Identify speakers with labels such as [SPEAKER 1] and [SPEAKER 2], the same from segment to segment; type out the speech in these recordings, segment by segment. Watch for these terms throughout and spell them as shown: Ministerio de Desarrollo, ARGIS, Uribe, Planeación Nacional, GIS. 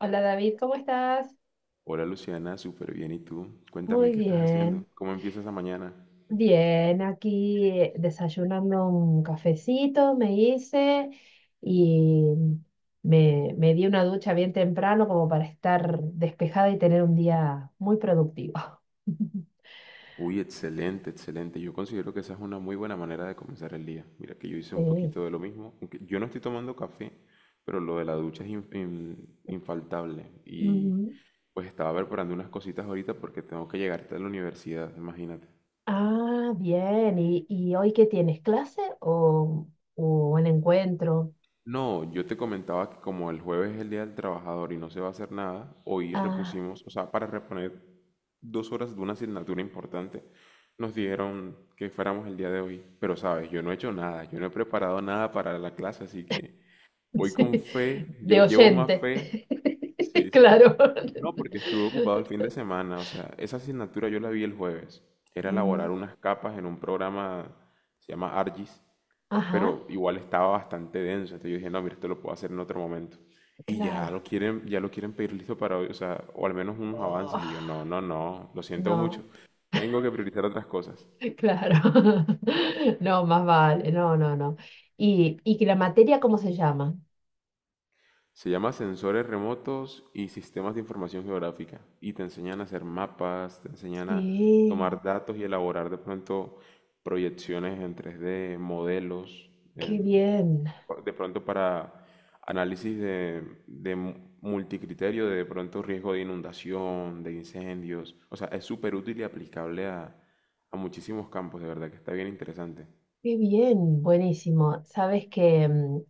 [SPEAKER 1] Hola David, ¿cómo estás?
[SPEAKER 2] Hola Luciana, súper bien. ¿Y tú? Cuéntame,
[SPEAKER 1] Muy
[SPEAKER 2] ¿qué estás haciendo?
[SPEAKER 1] bien,
[SPEAKER 2] ¿Cómo empieza esa mañana?
[SPEAKER 1] bien, aquí desayunando un cafecito me hice y me di una ducha bien temprano como para estar despejada y tener un día muy productivo.
[SPEAKER 2] Uy, excelente, excelente. Yo considero que esa es una muy buena manera de comenzar el día. Mira que yo hice un
[SPEAKER 1] Sí.
[SPEAKER 2] poquito de lo mismo, aunque yo no estoy tomando café, pero lo de la ducha es infaltable. Y
[SPEAKER 1] Ujú.
[SPEAKER 2] pues estaba preparando unas cositas ahorita porque tengo que llegar a la universidad, imagínate.
[SPEAKER 1] Ah, bien, ¿y hoy qué tienes? ¿Clase o un encuentro?
[SPEAKER 2] No, yo te comentaba que como el jueves es el Día del Trabajador y no se va a hacer nada, hoy
[SPEAKER 1] Ah,
[SPEAKER 2] repusimos, o sea, para reponer dos horas de una asignatura importante, nos dijeron que fuéramos el día de hoy. Pero sabes, yo no he hecho nada, yo no he preparado nada para la clase, así que voy con
[SPEAKER 1] sí,
[SPEAKER 2] fe, yo
[SPEAKER 1] de
[SPEAKER 2] llevo más
[SPEAKER 1] oyente,
[SPEAKER 2] fe. Sí, sí, sí.
[SPEAKER 1] claro.
[SPEAKER 2] No, porque estuve ocupado el fin de semana, o sea, esa asignatura yo la vi el jueves. Era
[SPEAKER 1] Ujú.
[SPEAKER 2] elaborar unas capas en un programa, se llama ARGIS,
[SPEAKER 1] Ajá,
[SPEAKER 2] pero igual estaba bastante denso. Entonces yo dije, no, mira, esto lo puedo hacer en otro momento. Y
[SPEAKER 1] claro.
[SPEAKER 2] ya lo quieren pedir listo para hoy, o sea, o al menos unos avances.
[SPEAKER 1] Oh,
[SPEAKER 2] Y yo, no, no, no, lo siento mucho.
[SPEAKER 1] no,
[SPEAKER 2] Tengo que priorizar otras cosas.
[SPEAKER 1] claro. No, más vale. No, no, no. ¿Y que la materia cómo se llama?
[SPEAKER 2] Se llama sensores remotos y sistemas de información geográfica. Y te enseñan a hacer mapas, te enseñan a
[SPEAKER 1] Sí,
[SPEAKER 2] tomar datos y elaborar de pronto proyecciones en 3D, modelos.
[SPEAKER 1] qué
[SPEAKER 2] em,
[SPEAKER 1] bien.
[SPEAKER 2] de pronto para análisis de multicriterio, de pronto riesgo de inundación, de incendios. O sea, es súper útil y aplicable a muchísimos campos, de verdad que está bien interesante.
[SPEAKER 1] Qué bien, buenísimo. Sabes que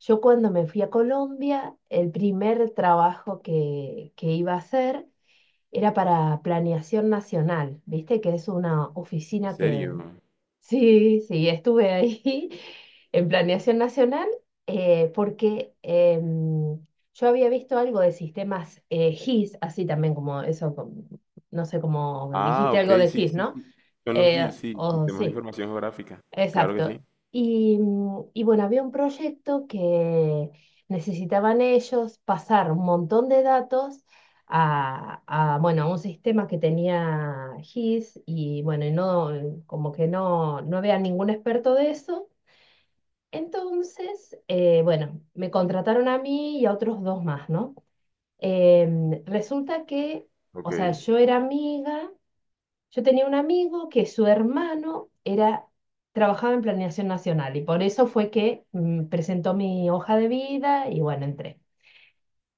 [SPEAKER 1] yo cuando me fui a Colombia, el primer trabajo que iba a hacer era para Planeación Nacional, ¿viste? Que es una
[SPEAKER 2] ¿En
[SPEAKER 1] oficina que...
[SPEAKER 2] serio?
[SPEAKER 1] Sí, sí, estuve ahí en Planeación Nacional porque yo había visto algo de sistemas GIS, así también como eso, no sé, como
[SPEAKER 2] Ah,
[SPEAKER 1] dijiste
[SPEAKER 2] ok,
[SPEAKER 1] algo de
[SPEAKER 2] sí,
[SPEAKER 1] GIS,
[SPEAKER 2] sí,
[SPEAKER 1] ¿no?
[SPEAKER 2] sí. Son los GIS, sí,
[SPEAKER 1] O
[SPEAKER 2] sistemas de
[SPEAKER 1] sí.
[SPEAKER 2] información geográfica. Claro que sí.
[SPEAKER 1] Exacto. Y, y bueno, había un proyecto que necesitaban ellos pasar un montón de datos a, a, bueno, a un sistema que tenía GIS y bueno, y no, como que no, no había ningún experto de eso. Entonces, bueno, me contrataron a mí y a otros dos más, ¿no? Resulta que,
[SPEAKER 2] Ok,
[SPEAKER 1] o sea, yo era amiga yo tenía un amigo que su hermano era, trabajaba en Planeación Nacional y por eso fue que presentó mi hoja de vida y bueno, entré.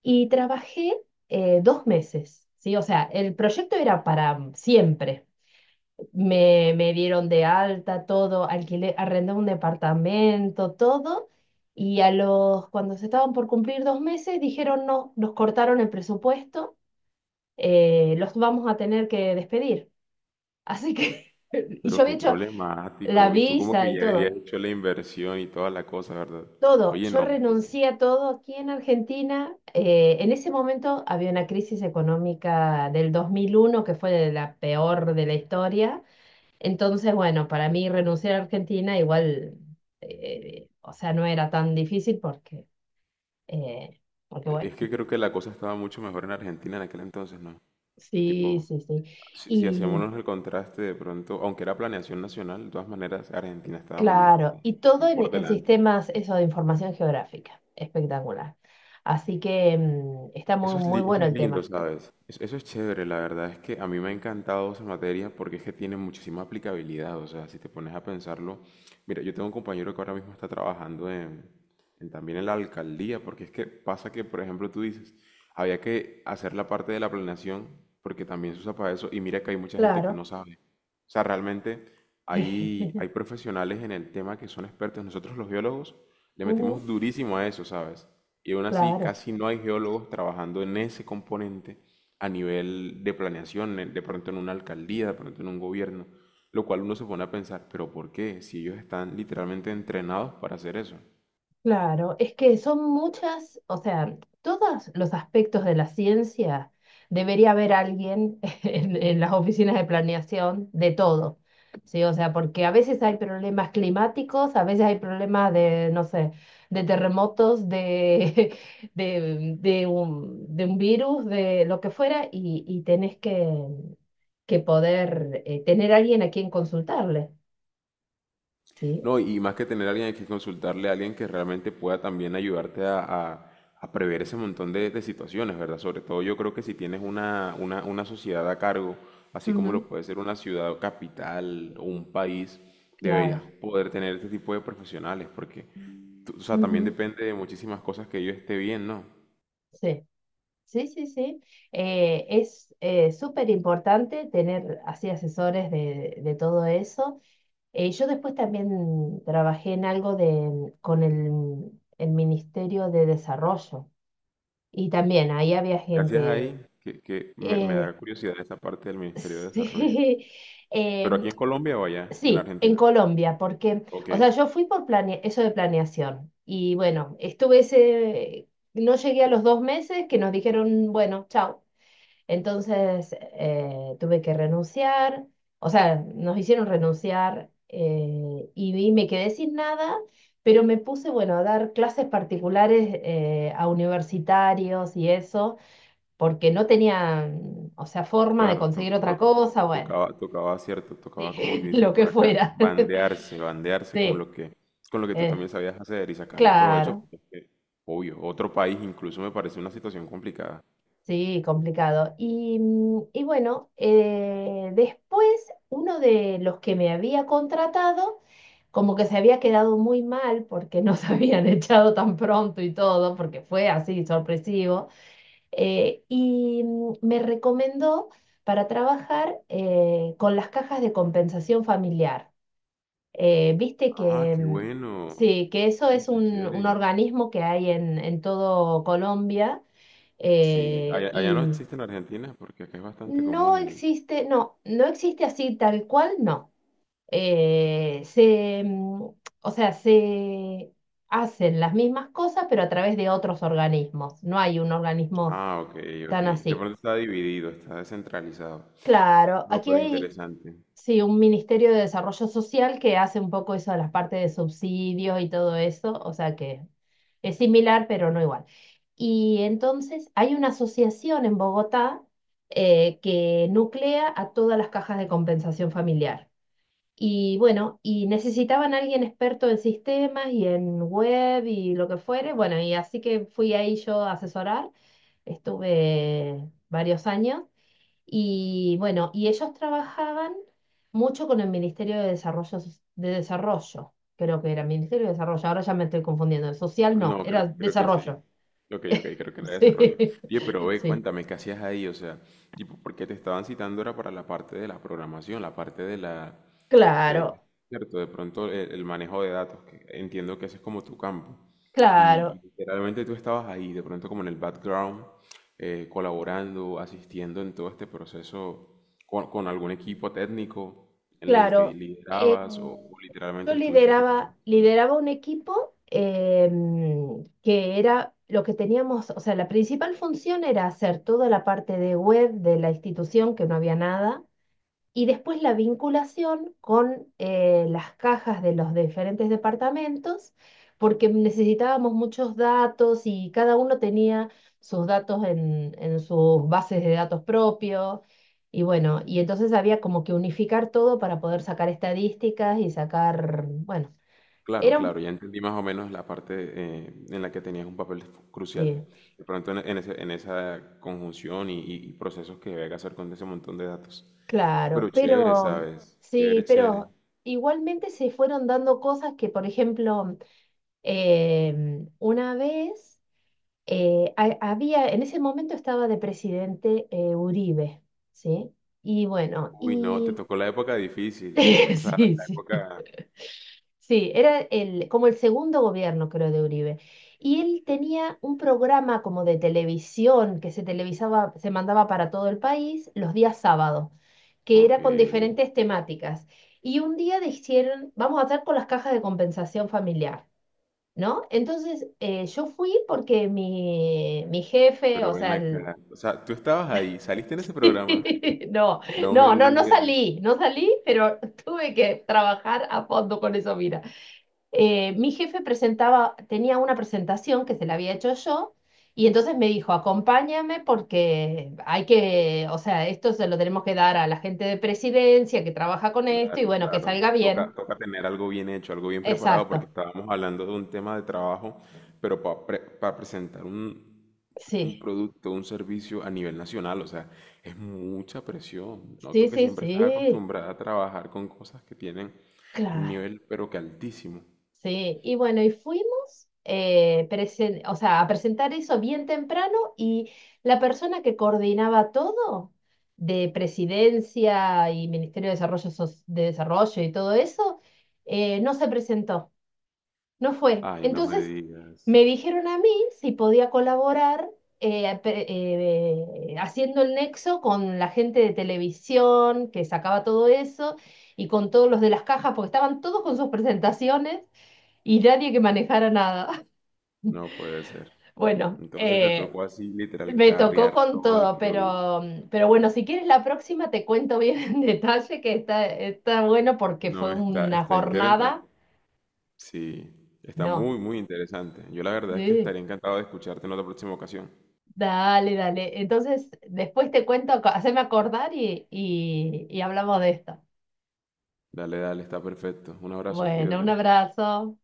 [SPEAKER 1] Y trabajé dos meses, ¿sí? O sea, el proyecto era para siempre. Me dieron de alta todo, alquilé, arrendé un departamento, todo. Y a los, cuando se estaban por cumplir dos meses, dijeron no, nos cortaron el presupuesto, los vamos a tener que despedir. Así que... Y yo
[SPEAKER 2] pero
[SPEAKER 1] había
[SPEAKER 2] qué
[SPEAKER 1] hecho, la
[SPEAKER 2] problemático. Y tú como
[SPEAKER 1] visa
[SPEAKER 2] que
[SPEAKER 1] y
[SPEAKER 2] ya habías
[SPEAKER 1] todo,
[SPEAKER 2] hecho la inversión y toda la cosa, ¿verdad?
[SPEAKER 1] todo.
[SPEAKER 2] Oye,
[SPEAKER 1] Yo
[SPEAKER 2] no.
[SPEAKER 1] renuncié a todo aquí en Argentina. En ese momento había una crisis económica del 2001 que fue la peor de la historia. Entonces, bueno, para mí renunciar a Argentina igual, o sea, no era tan difícil porque, eh, porque
[SPEAKER 2] Es
[SPEAKER 1] bueno,
[SPEAKER 2] que creo que la cosa estaba mucho mejor en Argentina en aquel entonces, ¿no?
[SPEAKER 1] sí,
[SPEAKER 2] Tipo,
[SPEAKER 1] sí, sí.
[SPEAKER 2] si
[SPEAKER 1] Y
[SPEAKER 2] hacemos el contraste de pronto, aunque era planeación nacional, de todas maneras Argentina estaba muy,
[SPEAKER 1] claro, y
[SPEAKER 2] muy
[SPEAKER 1] todo
[SPEAKER 2] por
[SPEAKER 1] en
[SPEAKER 2] delante.
[SPEAKER 1] sistemas, eso de información geográfica, espectacular. Así que está
[SPEAKER 2] Eso
[SPEAKER 1] muy,
[SPEAKER 2] es,
[SPEAKER 1] muy
[SPEAKER 2] eso
[SPEAKER 1] bueno
[SPEAKER 2] es
[SPEAKER 1] el
[SPEAKER 2] lindo,
[SPEAKER 1] tema.
[SPEAKER 2] ¿sabes? Eso es chévere, la verdad es que a mí me ha encantado esa materia porque es que tiene muchísima aplicabilidad, o sea, si te pones a pensarlo, mira, yo tengo un compañero que ahora mismo está trabajando en también en la alcaldía, porque es que pasa que, por ejemplo, tú dices, había que hacer la parte de la planeación porque también se usa para eso y mira que hay mucha gente que
[SPEAKER 1] Claro.
[SPEAKER 2] no sabe. O sea, realmente hay, hay profesionales en el tema que son expertos, nosotros los biólogos le
[SPEAKER 1] Ujú.
[SPEAKER 2] metemos durísimo a eso, ¿sabes? Y aún así
[SPEAKER 1] Claro,
[SPEAKER 2] casi no hay geólogos trabajando en ese componente a nivel de planeación, de pronto en una alcaldía, de pronto en un gobierno, lo cual uno se pone a pensar, pero ¿por qué? Si ellos están literalmente entrenados para hacer eso.
[SPEAKER 1] claro. Es que son muchas, o sea, todos los aspectos de la ciencia debería haber alguien en las oficinas de planeación de todo. Sí, o sea, porque a veces hay problemas climáticos, a veces hay problemas de, no sé, de terremotos, de, de un virus, de lo que fuera, y tenés que poder tener alguien a quien consultarle. ¿Sí?
[SPEAKER 2] No, y más que tener a alguien hay que consultarle a alguien que realmente pueda también ayudarte a prever ese montón de situaciones, ¿verdad? Sobre todo yo creo que si tienes una sociedad a cargo, así como
[SPEAKER 1] Ujú,
[SPEAKER 2] lo puede ser una ciudad o capital o un país, deberías
[SPEAKER 1] claro.
[SPEAKER 2] poder tener este tipo de profesionales, porque, o sea, también
[SPEAKER 1] Ujú,
[SPEAKER 2] depende de muchísimas cosas que yo esté bien, ¿no?
[SPEAKER 1] sí, sí, sí, sí. Es súper importante tener así asesores de todo eso. Yo después también trabajé en algo de, con el Ministerio de Desarrollo y también ahí había
[SPEAKER 2] Gracias
[SPEAKER 1] gente,
[SPEAKER 2] ahí, me
[SPEAKER 1] eh,
[SPEAKER 2] da curiosidad esa parte del Ministerio de Desarrollo.
[SPEAKER 1] sí,
[SPEAKER 2] ¿Pero
[SPEAKER 1] eh,
[SPEAKER 2] aquí en Colombia o allá, en
[SPEAKER 1] sí, en
[SPEAKER 2] Argentina?
[SPEAKER 1] Colombia, porque,
[SPEAKER 2] Ok.
[SPEAKER 1] o sea, yo fui por eso de planeación y bueno, estuve ese, no llegué a los dos meses que nos dijeron, bueno, chao. Entonces tuve que renunciar, o sea, nos hicieron renunciar y, me quedé sin nada, pero me puse, bueno, a dar clases particulares a universitarios y eso, porque no tenía, o sea, forma de
[SPEAKER 2] Claro,
[SPEAKER 1] conseguir otra cosa, bueno,
[SPEAKER 2] tocaba, tocaba, cierto, tocaba como que
[SPEAKER 1] sí, lo
[SPEAKER 2] dicen
[SPEAKER 1] que
[SPEAKER 2] por acá,
[SPEAKER 1] fuera.
[SPEAKER 2] bandearse, bandearse
[SPEAKER 1] Sí.
[SPEAKER 2] con lo que tú también
[SPEAKER 1] Es,
[SPEAKER 2] sabías hacer y sacarle provecho,
[SPEAKER 1] claro,
[SPEAKER 2] porque es que, obvio, otro país incluso me parece una situación complicada.
[SPEAKER 1] sí, complicado. Y, y bueno, después uno de los que me había contratado, como que se había quedado muy mal porque nos habían echado tan pronto y todo, porque fue así sorpresivo, y me recomendó para trabajar con las cajas de compensación familiar. Viste
[SPEAKER 2] Ah,
[SPEAKER 1] que...
[SPEAKER 2] qué bueno.
[SPEAKER 1] sí, que eso
[SPEAKER 2] Sí,
[SPEAKER 1] es
[SPEAKER 2] está
[SPEAKER 1] un
[SPEAKER 2] chévere.
[SPEAKER 1] organismo que hay en todo Colombia.
[SPEAKER 2] Sí, allá, allá no
[SPEAKER 1] Y
[SPEAKER 2] existe en Argentina porque acá es bastante
[SPEAKER 1] no
[SPEAKER 2] común el...
[SPEAKER 1] existe, no, no existe así tal cual, no. Eh, se, mm, o sea, se hacen las mismas cosas, pero a través de otros organismos. No hay un organismo
[SPEAKER 2] Ah, ok, ok.
[SPEAKER 1] tan
[SPEAKER 2] De
[SPEAKER 1] así.
[SPEAKER 2] pronto está dividido, está descentralizado.
[SPEAKER 1] Claro,
[SPEAKER 2] No,
[SPEAKER 1] aquí
[SPEAKER 2] pero
[SPEAKER 1] hay
[SPEAKER 2] interesante.
[SPEAKER 1] sí, un Ministerio de Desarrollo Social que hace un poco eso de las partes de subsidios y todo eso, o sea que es similar, pero no igual. Y entonces hay una asociación en Bogotá que nuclea a todas las cajas de compensación familiar. Y bueno, y necesitaban a alguien experto en sistemas y en web y lo que fuere. Bueno, y así que fui ahí yo a asesorar, estuve varios años. Y bueno, y ellos trabajaban mucho con el Ministerio de Desarrollo, de Desarrollo, creo que era Ministerio de Desarrollo, ahora ya me estoy confundiendo, el social no,
[SPEAKER 2] No, creo,
[SPEAKER 1] era
[SPEAKER 2] creo que sí.
[SPEAKER 1] Desarrollo.
[SPEAKER 2] Ok, ok, creo que la desarrollo.
[SPEAKER 1] Sí,
[SPEAKER 2] Oye, pero ve,
[SPEAKER 1] sí,
[SPEAKER 2] cuéntame, ¿qué hacías ahí? O sea, tipo, porque te estaban citando era para la parte de la programación, la parte de la, de,
[SPEAKER 1] claro,
[SPEAKER 2] cierto, de pronto el manejo de datos, que entiendo que ese es como tu campo. Y
[SPEAKER 1] claro,
[SPEAKER 2] literalmente tú estabas ahí, de pronto como en el background, colaborando, asistiendo en todo este proceso con algún equipo técnico en el que
[SPEAKER 1] claro. Eh,
[SPEAKER 2] liderabas o
[SPEAKER 1] yo
[SPEAKER 2] literalmente estuviste fue como
[SPEAKER 1] lideraba, lideraba un equipo que era lo que teníamos, o sea, la principal función era hacer toda la parte de web de la institución, que no había nada. Y después la vinculación con las cajas de los diferentes departamentos, porque necesitábamos muchos datos y cada uno tenía sus datos en sus bases de datos propios. Y bueno, y entonces había como que unificar todo para poder sacar estadísticas y sacar, bueno,
[SPEAKER 2] claro,
[SPEAKER 1] era
[SPEAKER 2] claro,
[SPEAKER 1] un...
[SPEAKER 2] ya entendí más o menos la parte en la que tenías un papel crucial.
[SPEAKER 1] Sí,
[SPEAKER 2] De pronto en en esa conjunción y procesos que debe hacer con ese montón de datos. Pero
[SPEAKER 1] claro,
[SPEAKER 2] chévere,
[SPEAKER 1] pero
[SPEAKER 2] ¿sabes?
[SPEAKER 1] sí,
[SPEAKER 2] Chévere, chévere.
[SPEAKER 1] pero igualmente se fueron dando cosas que, por ejemplo, una vez... había, en ese momento estaba de presidente Uribe, ¿sí? Y bueno,
[SPEAKER 2] Uy, no, te
[SPEAKER 1] y
[SPEAKER 2] tocó la época difícil. O sea,
[SPEAKER 1] sí,
[SPEAKER 2] la
[SPEAKER 1] sí.
[SPEAKER 2] época...
[SPEAKER 1] Sí, era el, como el segundo gobierno, creo, de Uribe. Y él tenía un programa como de televisión que se televisaba, se mandaba para todo el país los días sábados, que
[SPEAKER 2] Ok,
[SPEAKER 1] era con diferentes temáticas. Y un día dijeron, vamos a hacer con las cajas de compensación familiar. ¿No? Entonces yo fui porque mi jefe,
[SPEAKER 2] pero
[SPEAKER 1] o
[SPEAKER 2] ven
[SPEAKER 1] sea, el-
[SPEAKER 2] acá. O sea, tú estabas ahí, saliste en ese programa.
[SPEAKER 1] no,
[SPEAKER 2] No me
[SPEAKER 1] no, no, no
[SPEAKER 2] digas.
[SPEAKER 1] salí, no salí, pero tuve que trabajar a fondo con eso, mira. Mi jefe presentaba, tenía una presentación que se la había hecho yo. Y entonces me dijo, acompáñame porque hay que, o sea, esto se lo tenemos que dar a la gente de presidencia que trabaja con esto y
[SPEAKER 2] Claro,
[SPEAKER 1] bueno, que
[SPEAKER 2] claro.
[SPEAKER 1] salga
[SPEAKER 2] Toca,
[SPEAKER 1] bien.
[SPEAKER 2] toca tener algo bien hecho, algo bien preparado,
[SPEAKER 1] Exacto.
[SPEAKER 2] porque estábamos hablando de un tema de trabajo, pero para presentar un
[SPEAKER 1] Sí,
[SPEAKER 2] producto, un servicio a nivel nacional, o sea, es mucha presión. Noto
[SPEAKER 1] sí,
[SPEAKER 2] que
[SPEAKER 1] sí,
[SPEAKER 2] siempre estás
[SPEAKER 1] sí.
[SPEAKER 2] acostumbrada a trabajar con cosas que tienen un
[SPEAKER 1] Claro.
[SPEAKER 2] nivel, pero que altísimo.
[SPEAKER 1] Sí, y bueno, y fuimos o sea, a presentar eso bien temprano y la persona que coordinaba todo de Presidencia y Ministerio de Desarrollo, de Desarrollo y todo eso, no se presentó, no fue.
[SPEAKER 2] Ay, no me
[SPEAKER 1] Entonces
[SPEAKER 2] digas,
[SPEAKER 1] me dijeron a mí si podía colaborar eh, pe- haciendo el nexo con la gente de televisión que sacaba todo eso y con todos los de las cajas, porque estaban todos con sus presentaciones. Y nadie que manejara nada.
[SPEAKER 2] no puede ser.
[SPEAKER 1] Bueno,
[SPEAKER 2] Entonces te tocó así, literal,
[SPEAKER 1] me tocó
[SPEAKER 2] carrear
[SPEAKER 1] con
[SPEAKER 2] todo el
[SPEAKER 1] todo,
[SPEAKER 2] producto.
[SPEAKER 1] pero bueno, si quieres la próxima te cuento bien en detalle que está, está bueno porque
[SPEAKER 2] No,
[SPEAKER 1] fue
[SPEAKER 2] está,
[SPEAKER 1] una
[SPEAKER 2] está interesante,
[SPEAKER 1] jornada.
[SPEAKER 2] sí, está
[SPEAKER 1] No,
[SPEAKER 2] muy, muy interesante. Yo la verdad es que
[SPEAKER 1] sí,
[SPEAKER 2] estaría encantado de escucharte en otra próxima ocasión.
[SPEAKER 1] dale, dale. Entonces, después te cuento, haceme acordar y hablamos de esto.
[SPEAKER 2] Dale, dale, está perfecto. Un abrazo,
[SPEAKER 1] Bueno, un
[SPEAKER 2] cuídate.
[SPEAKER 1] abrazo.